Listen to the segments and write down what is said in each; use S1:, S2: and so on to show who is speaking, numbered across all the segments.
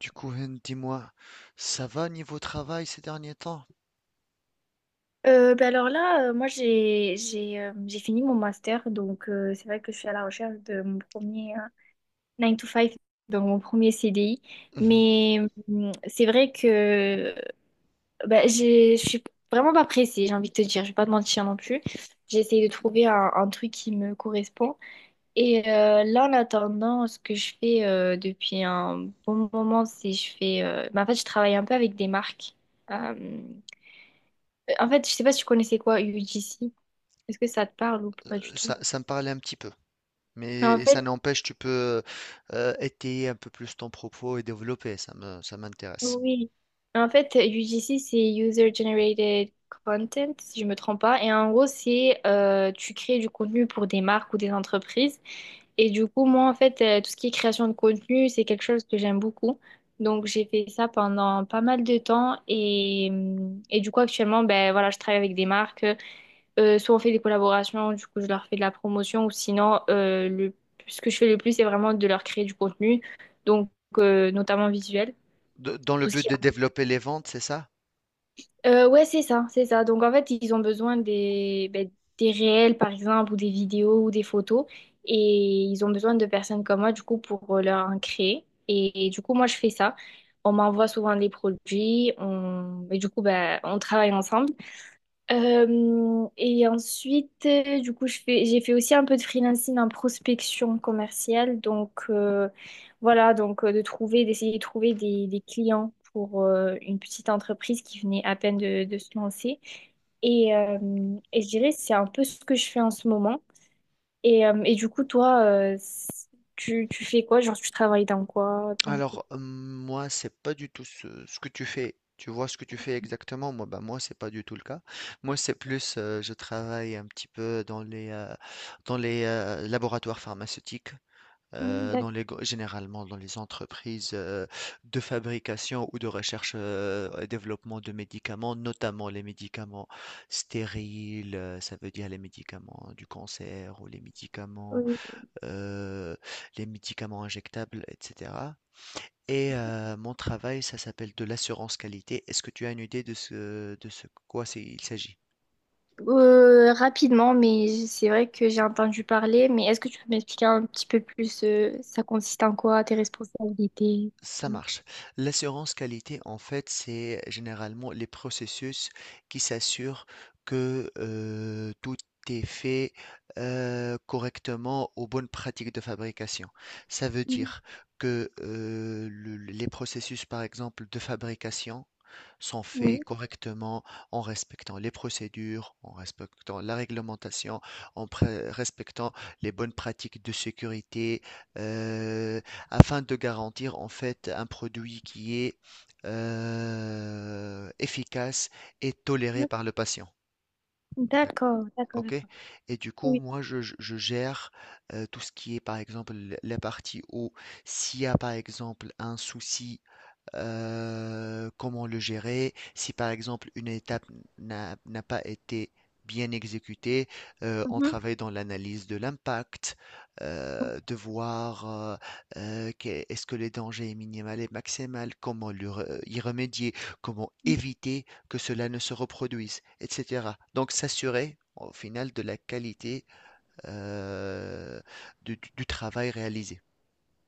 S1: Du coup, Hen, dis-moi, ça va niveau travail ces derniers temps?
S2: Ben alors là, moi j'ai j'ai fini mon master, donc c'est vrai que je suis à la recherche de mon premier 9 to five, donc mon premier CDI.
S1: Mhm.
S2: Mais c'est vrai que ben, je suis vraiment pas pressée, j'ai envie de te dire, je vais pas te mentir non plus. J'ai essayé de trouver un truc qui me correspond. Et là, en attendant, ce que je fais depuis un bon moment, c'est ben, en fait, je travaille un peu avec des marques. Euh, En fait, je sais pas si tu connaissais, quoi, UGC. Est-ce que ça te parle ou pas du tout?
S1: Ça me parlait un petit peu,
S2: Mais en
S1: mais ça
S2: fait,
S1: n'empêche, tu peux étayer un peu plus ton propos et développer, ça m'intéresse.
S2: oui. En fait, UGC, c'est User Generated Content, si je me trompe pas. Et en gros, c'est tu crées du contenu pour des marques ou des entreprises. Et du coup, moi, en fait, tout ce qui est création de contenu, c'est quelque chose que j'aime beaucoup. Donc, j'ai fait ça pendant pas mal de temps. Et du coup, actuellement, ben, voilà, je travaille avec des marques. Soit on fait des collaborations, du coup je leur fais de la promotion, ou sinon, ce que je fais le plus, c'est vraiment de leur créer du contenu, donc notamment visuel,
S1: Dans le
S2: tout ce qui
S1: but de
S2: est...
S1: développer les ventes, c'est ça?
S2: Ouais, c'est ça, c'est ça. Donc en fait ils ont besoin ben, des réels par exemple, ou des vidéos, ou des photos, et ils ont besoin de personnes comme moi du coup pour leur en créer. Et du coup moi je fais ça. On m'envoie souvent des produits, et du coup ben, on travaille ensemble. Et ensuite, du coup, j'ai fait aussi un peu de freelancing en prospection commerciale. Donc, voilà, donc d'essayer de trouver des clients pour une petite entreprise qui venait à peine de se lancer. Et, euh, et je dirais, c'est un peu ce que je fais en ce moment. Et du coup, toi, tu fais quoi? Genre, tu travailles dans quoi? Dans quel-
S1: Alors, moi, c'est pas du tout ce que tu fais. Tu vois ce que tu fais exactement? Moi, bah, moi, c'est pas du tout le cas. Moi, c'est plus, je travaille un petit peu dans les laboratoires pharmaceutiques.
S2: Mm.
S1: Généralement dans les entreprises de fabrication ou de recherche et développement de médicaments, notamment les médicaments stériles, ça veut dire les médicaments du cancer ou
S2: D'accord.
S1: euh, les médicaments injectables, etc. Et mon travail, ça s'appelle de l'assurance qualité. Est-ce que tu as une idée de ce quoi il s'agit?
S2: Rapidement, mais c'est vrai que j'ai entendu parler. Mais est-ce que tu peux m'expliquer un petit peu plus, ça consiste en quoi, tes responsabilités?
S1: Ça
S2: Tu vois.
S1: marche. L'assurance qualité, en fait, c'est généralement les processus qui s'assurent que tout est fait correctement aux bonnes pratiques de fabrication. Ça veut
S2: Mm.
S1: dire que les processus, par exemple, de fabrication, sont faits
S2: Oui,
S1: correctement en respectant les procédures, en respectant la réglementation, respectant les bonnes pratiques de sécurité, euh, afin de garantir en fait un produit qui est efficace et toléré par le patient. D'ac-
S2: d'accord, d'accord,
S1: Ok?
S2: d'accord.
S1: Et du coup,
S2: Oui.
S1: moi, je gère tout ce qui est, par exemple, la partie où s'il y a, par exemple, un souci comment le gérer, si par exemple une étape n'a pas été bien exécutée, on
S2: Mhm.
S1: travaille dans l'analyse de l'impact, de voir est-ce que le danger est minimal et maximal, y remédier, comment éviter que cela ne se reproduise, etc. Donc s'assurer au final de la qualité euh, du travail réalisé.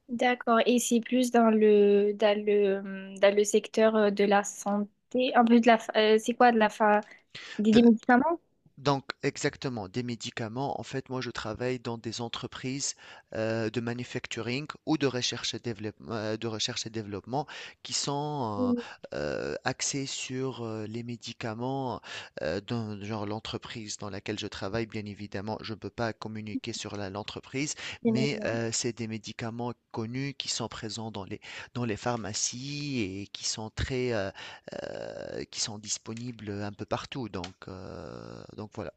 S2: D'accord. Et c'est plus dans le, dans le secteur, de la santé, un peu c'est quoi, des médicaments?
S1: Donc, exactement, des médicaments. En fait, moi, je travaille dans des entreprises de manufacturing ou de recherche et développement, de recherche et développement qui sont
S2: Oui,
S1: axées sur les médicaments. Dans, genre, l'entreprise dans laquelle je travaille, bien évidemment, je ne peux pas communiquer sur l'entreprise,
S2: bien
S1: mais
S2: évidemment.
S1: c'est des médicaments connus qui sont présents dans les pharmacies et qui sont disponibles un peu partout. Donc, voilà,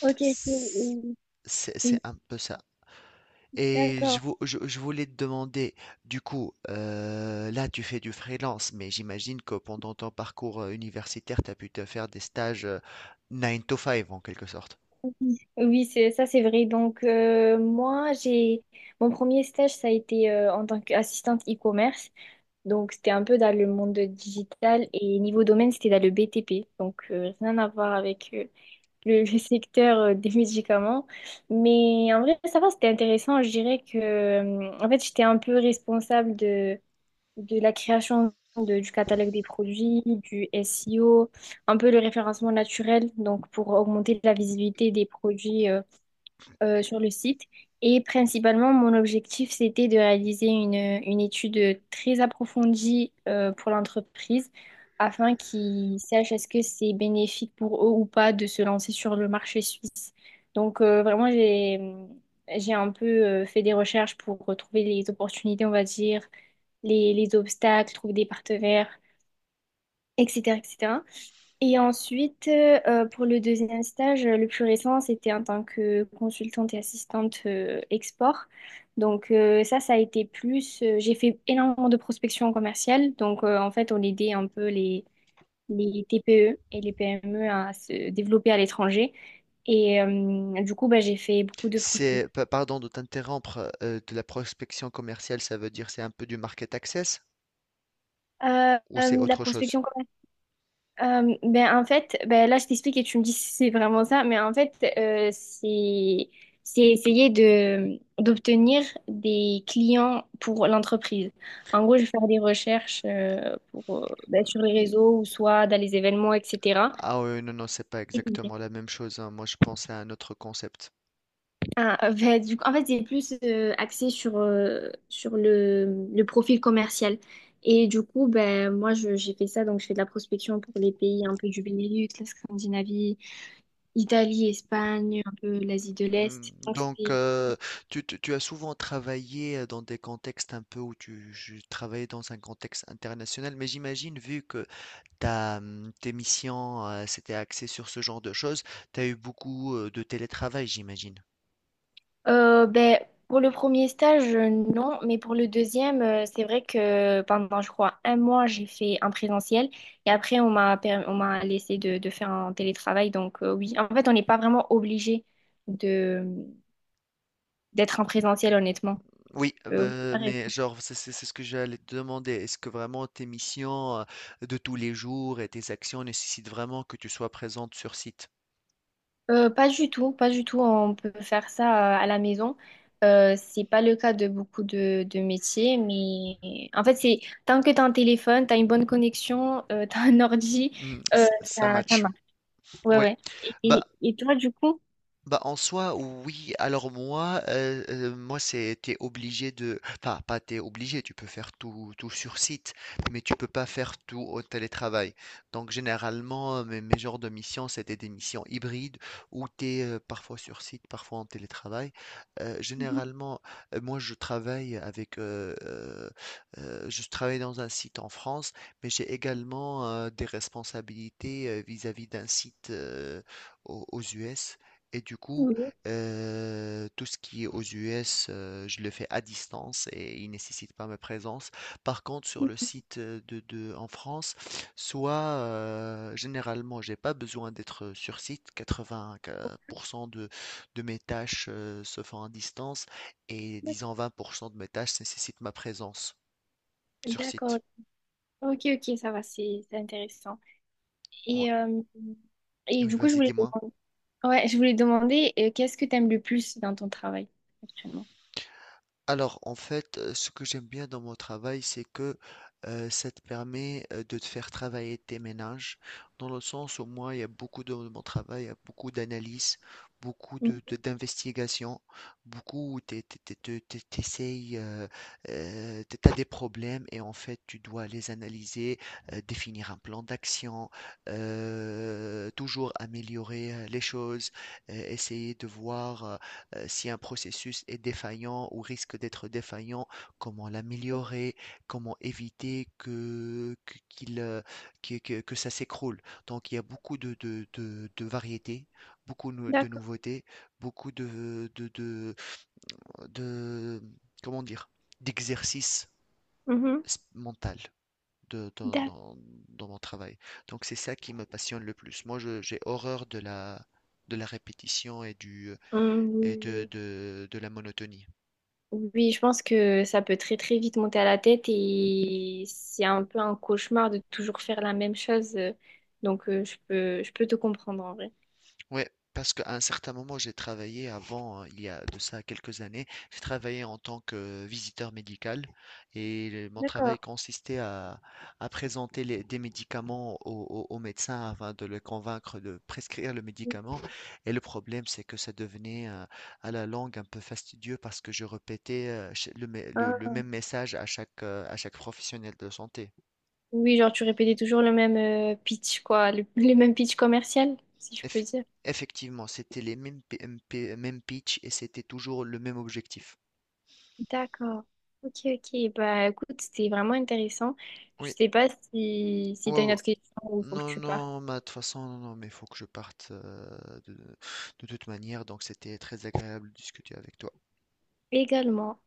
S2: Ok, ok,
S1: c'est
S2: oui, oui,
S1: c'est un peu ça. Et je,
S2: d'accord.
S1: vou- je, je voulais te demander, du coup, là tu fais du freelance, mais j'imagine que pendant ton parcours universitaire, tu as pu te faire des stages 9 to five en quelque sorte.
S2: Oui, c'est ça, c'est vrai. Donc, moi, j'ai, mon premier stage, ça a été en tant qu'assistante e-commerce. Donc, c'était un peu dans le monde digital et niveau domaine, c'était dans le BTP. Donc, rien à voir avec le, le secteur des médicaments. Mais en vrai, ça va, c'était intéressant. Je dirais que, en fait, j'étais un peu responsable de la création du catalogue des produits, du SEO, un peu le référencement naturel, donc pour augmenter la visibilité des produits sur le site. Et principalement, mon objectif, c'était de réaliser une étude très approfondie pour l'entreprise, afin qu'ils sachent est-ce que c'est bénéfique pour eux ou pas de se lancer sur le marché suisse. Donc, vraiment, j'ai un peu fait des recherches pour retrouver les opportunités, on va dire, les obstacles, trouver des partenaires, etc., etc. Et ensuite, pour le deuxième stage, le plus récent, c'était en tant que consultante et assistante export. Donc ça, ça a été plus... J'ai fait énormément de prospection commerciale. Donc en fait, on aidait un peu les TPE et les PME à se développer à l'étranger. Et du coup, bah, j'ai fait beaucoup de prospection.
S1: Pardon de t'interrompre, de la prospection commerciale, ça veut dire c'est un peu du market access ou c'est
S2: De la
S1: autre chose?
S2: prospection commerciale. Ben en fait, ben là je t'explique et tu me dis si c'est vraiment ça, mais en fait c'est essayer de d'obtenir des clients pour l'entreprise. En gros, je vais faire des recherches pour, ben, sur les réseaux ou soit dans les événements, etc.
S1: Ah oui, non, non, c'est pas exactement la même chose, hein. Moi, je pensais à un autre concept.
S2: Ah, ben, du coup, en fait, c'est plus axé sur, sur le profil commercial. Et du coup, ben, moi, j'ai fait ça, donc je fais de la prospection pour les pays un peu du Benelux, la Scandinavie, Italie, Espagne, un peu l'Asie de l'Est. Donc,
S1: Donc,
S2: c'était-
S1: tu as souvent travaillé dans des contextes un peu où travaillais dans un contexte international, mais j'imagine, vu que tes missions s'étaient axées sur ce genre de choses, tu as eu beaucoup de télétravail, j'imagine.
S2: Ben, pour le premier stage, non, mais pour le deuxième, c'est vrai que pendant, je crois, un mois, j'ai fait un présentiel, et après, on m'a laissé de faire un télétravail. Donc, oui, en fait, on n'est pas vraiment obligé de d'être en présentiel, honnêtement.
S1: Oui,
S2: Euh, oui.
S1: mais genre, c'est ce que j'allais te demander. Est-ce que vraiment tes missions de tous les jours et tes actions nécessitent vraiment que tu sois présente sur site?
S2: Pas du tout, pas du tout. On peut faire ça à la maison. C'est pas le cas de beaucoup de métiers, mais en fait, c'est tant que t'as un téléphone, t'as une bonne connexion, t'as un ordi,
S1: Hmm,
S2: euh,
S1: ça
S2: ça, ça
S1: match.
S2: marche. Ouais,
S1: Oui.
S2: ouais. Et toi, du coup?
S1: Bah, en soi, oui. Alors moi, moi c'est t'es obligé de, enfin pas t'es obligé, tu peux faire tout, tout sur site, mais tu peux pas faire tout au télétravail. Donc généralement, mes genres de missions, c'était des missions hybrides où t'es parfois sur site, parfois en télétravail.
S2: Mhm.
S1: Généralement, moi je travaille je travaille dans un site en France, mais j'ai également des responsabilités vis-à-vis d'un site aux US. Et du coup,
S2: Oui.
S1: tout ce qui est aux US, je le fais à distance et il nécessite pas ma présence. Par contre, sur le site en France, soit généralement, j'ai pas besoin d'être sur site. 80% de mes tâches se font à distance et disons 20% de mes tâches nécessitent ma présence sur
S2: D'accord.
S1: site.
S2: Ok, ok, ça va, c'est intéressant.
S1: Ouais.
S2: Et, euh, et
S1: Oui,
S2: du coup,
S1: vas-y, dis-moi.
S2: ouais, je voulais demander qu'est-ce que t'aimes le plus dans ton travail actuellement?
S1: Alors, en fait, ce que j'aime bien dans mon travail, c'est que ça te permet de te faire travailler tes ménages, dans le sens où moi, il y a beaucoup de mon travail, il y a beaucoup d'analyses, beaucoup
S2: Mhm.
S1: d'investigations, beaucoup où tu essayes, tu as des problèmes et en fait, tu dois les analyser, définir un plan d'action, toujours améliorer les choses, essayer de voir si un processus est défaillant ou risque d'être défaillant, comment l'améliorer, comment éviter que ça s'écroule. Donc il y a beaucoup de variétés, beaucoup de
S2: D'accord.
S1: nouveautés, beaucoup de- comment dire, d'exercices
S2: Mhm.
S1: mental. de- dans,
S2: D'accord.
S1: dans- Dans mon travail. Donc c'est ça qui me passionne le plus. Moi, j'ai horreur de la, répétition et du,
S2: Oui,
S1: et
S2: oui.
S1: de la monotonie.
S2: Oui, oui, je pense que ça peut très très vite monter à la tête et c'est un peu un cauchemar de toujours faire la même chose. Donc je peux te comprendre en vrai.
S1: Ouais, parce qu'à un certain moment, j'ai travaillé avant, il y a de ça quelques années, j'ai travaillé en tant que visiteur médical et mon
S2: D'accord.
S1: travail consistait à présenter des médicaments aux médecins afin de les convaincre de prescrire le médicament. Et le problème, c'est que ça devenait à la longue un peu fastidieux parce que je répétais
S2: Ah,
S1: le même message à chaque professionnel de santé.
S2: oui, genre tu répétais toujours le même pitch, quoi, le même pitch commercial, si je peux
S1: Eff-
S2: dire.
S1: Effectivement, c'était les mêmes, mêmes pitch et c'était toujours le même objectif.
S2: D'accord. Ok, ok. Bah écoute, c'était vraiment intéressant. Je
S1: Oui,
S2: sais pas si
S1: ouais,
S2: si t'as une
S1: ouais.
S2: autre question ou faut que
S1: Non,
S2: tu partes.
S1: non, bah, de toute façon, non, non, mais il faut que je parte de, de toute manière, donc c'était très agréable de discuter avec toi.
S2: Également.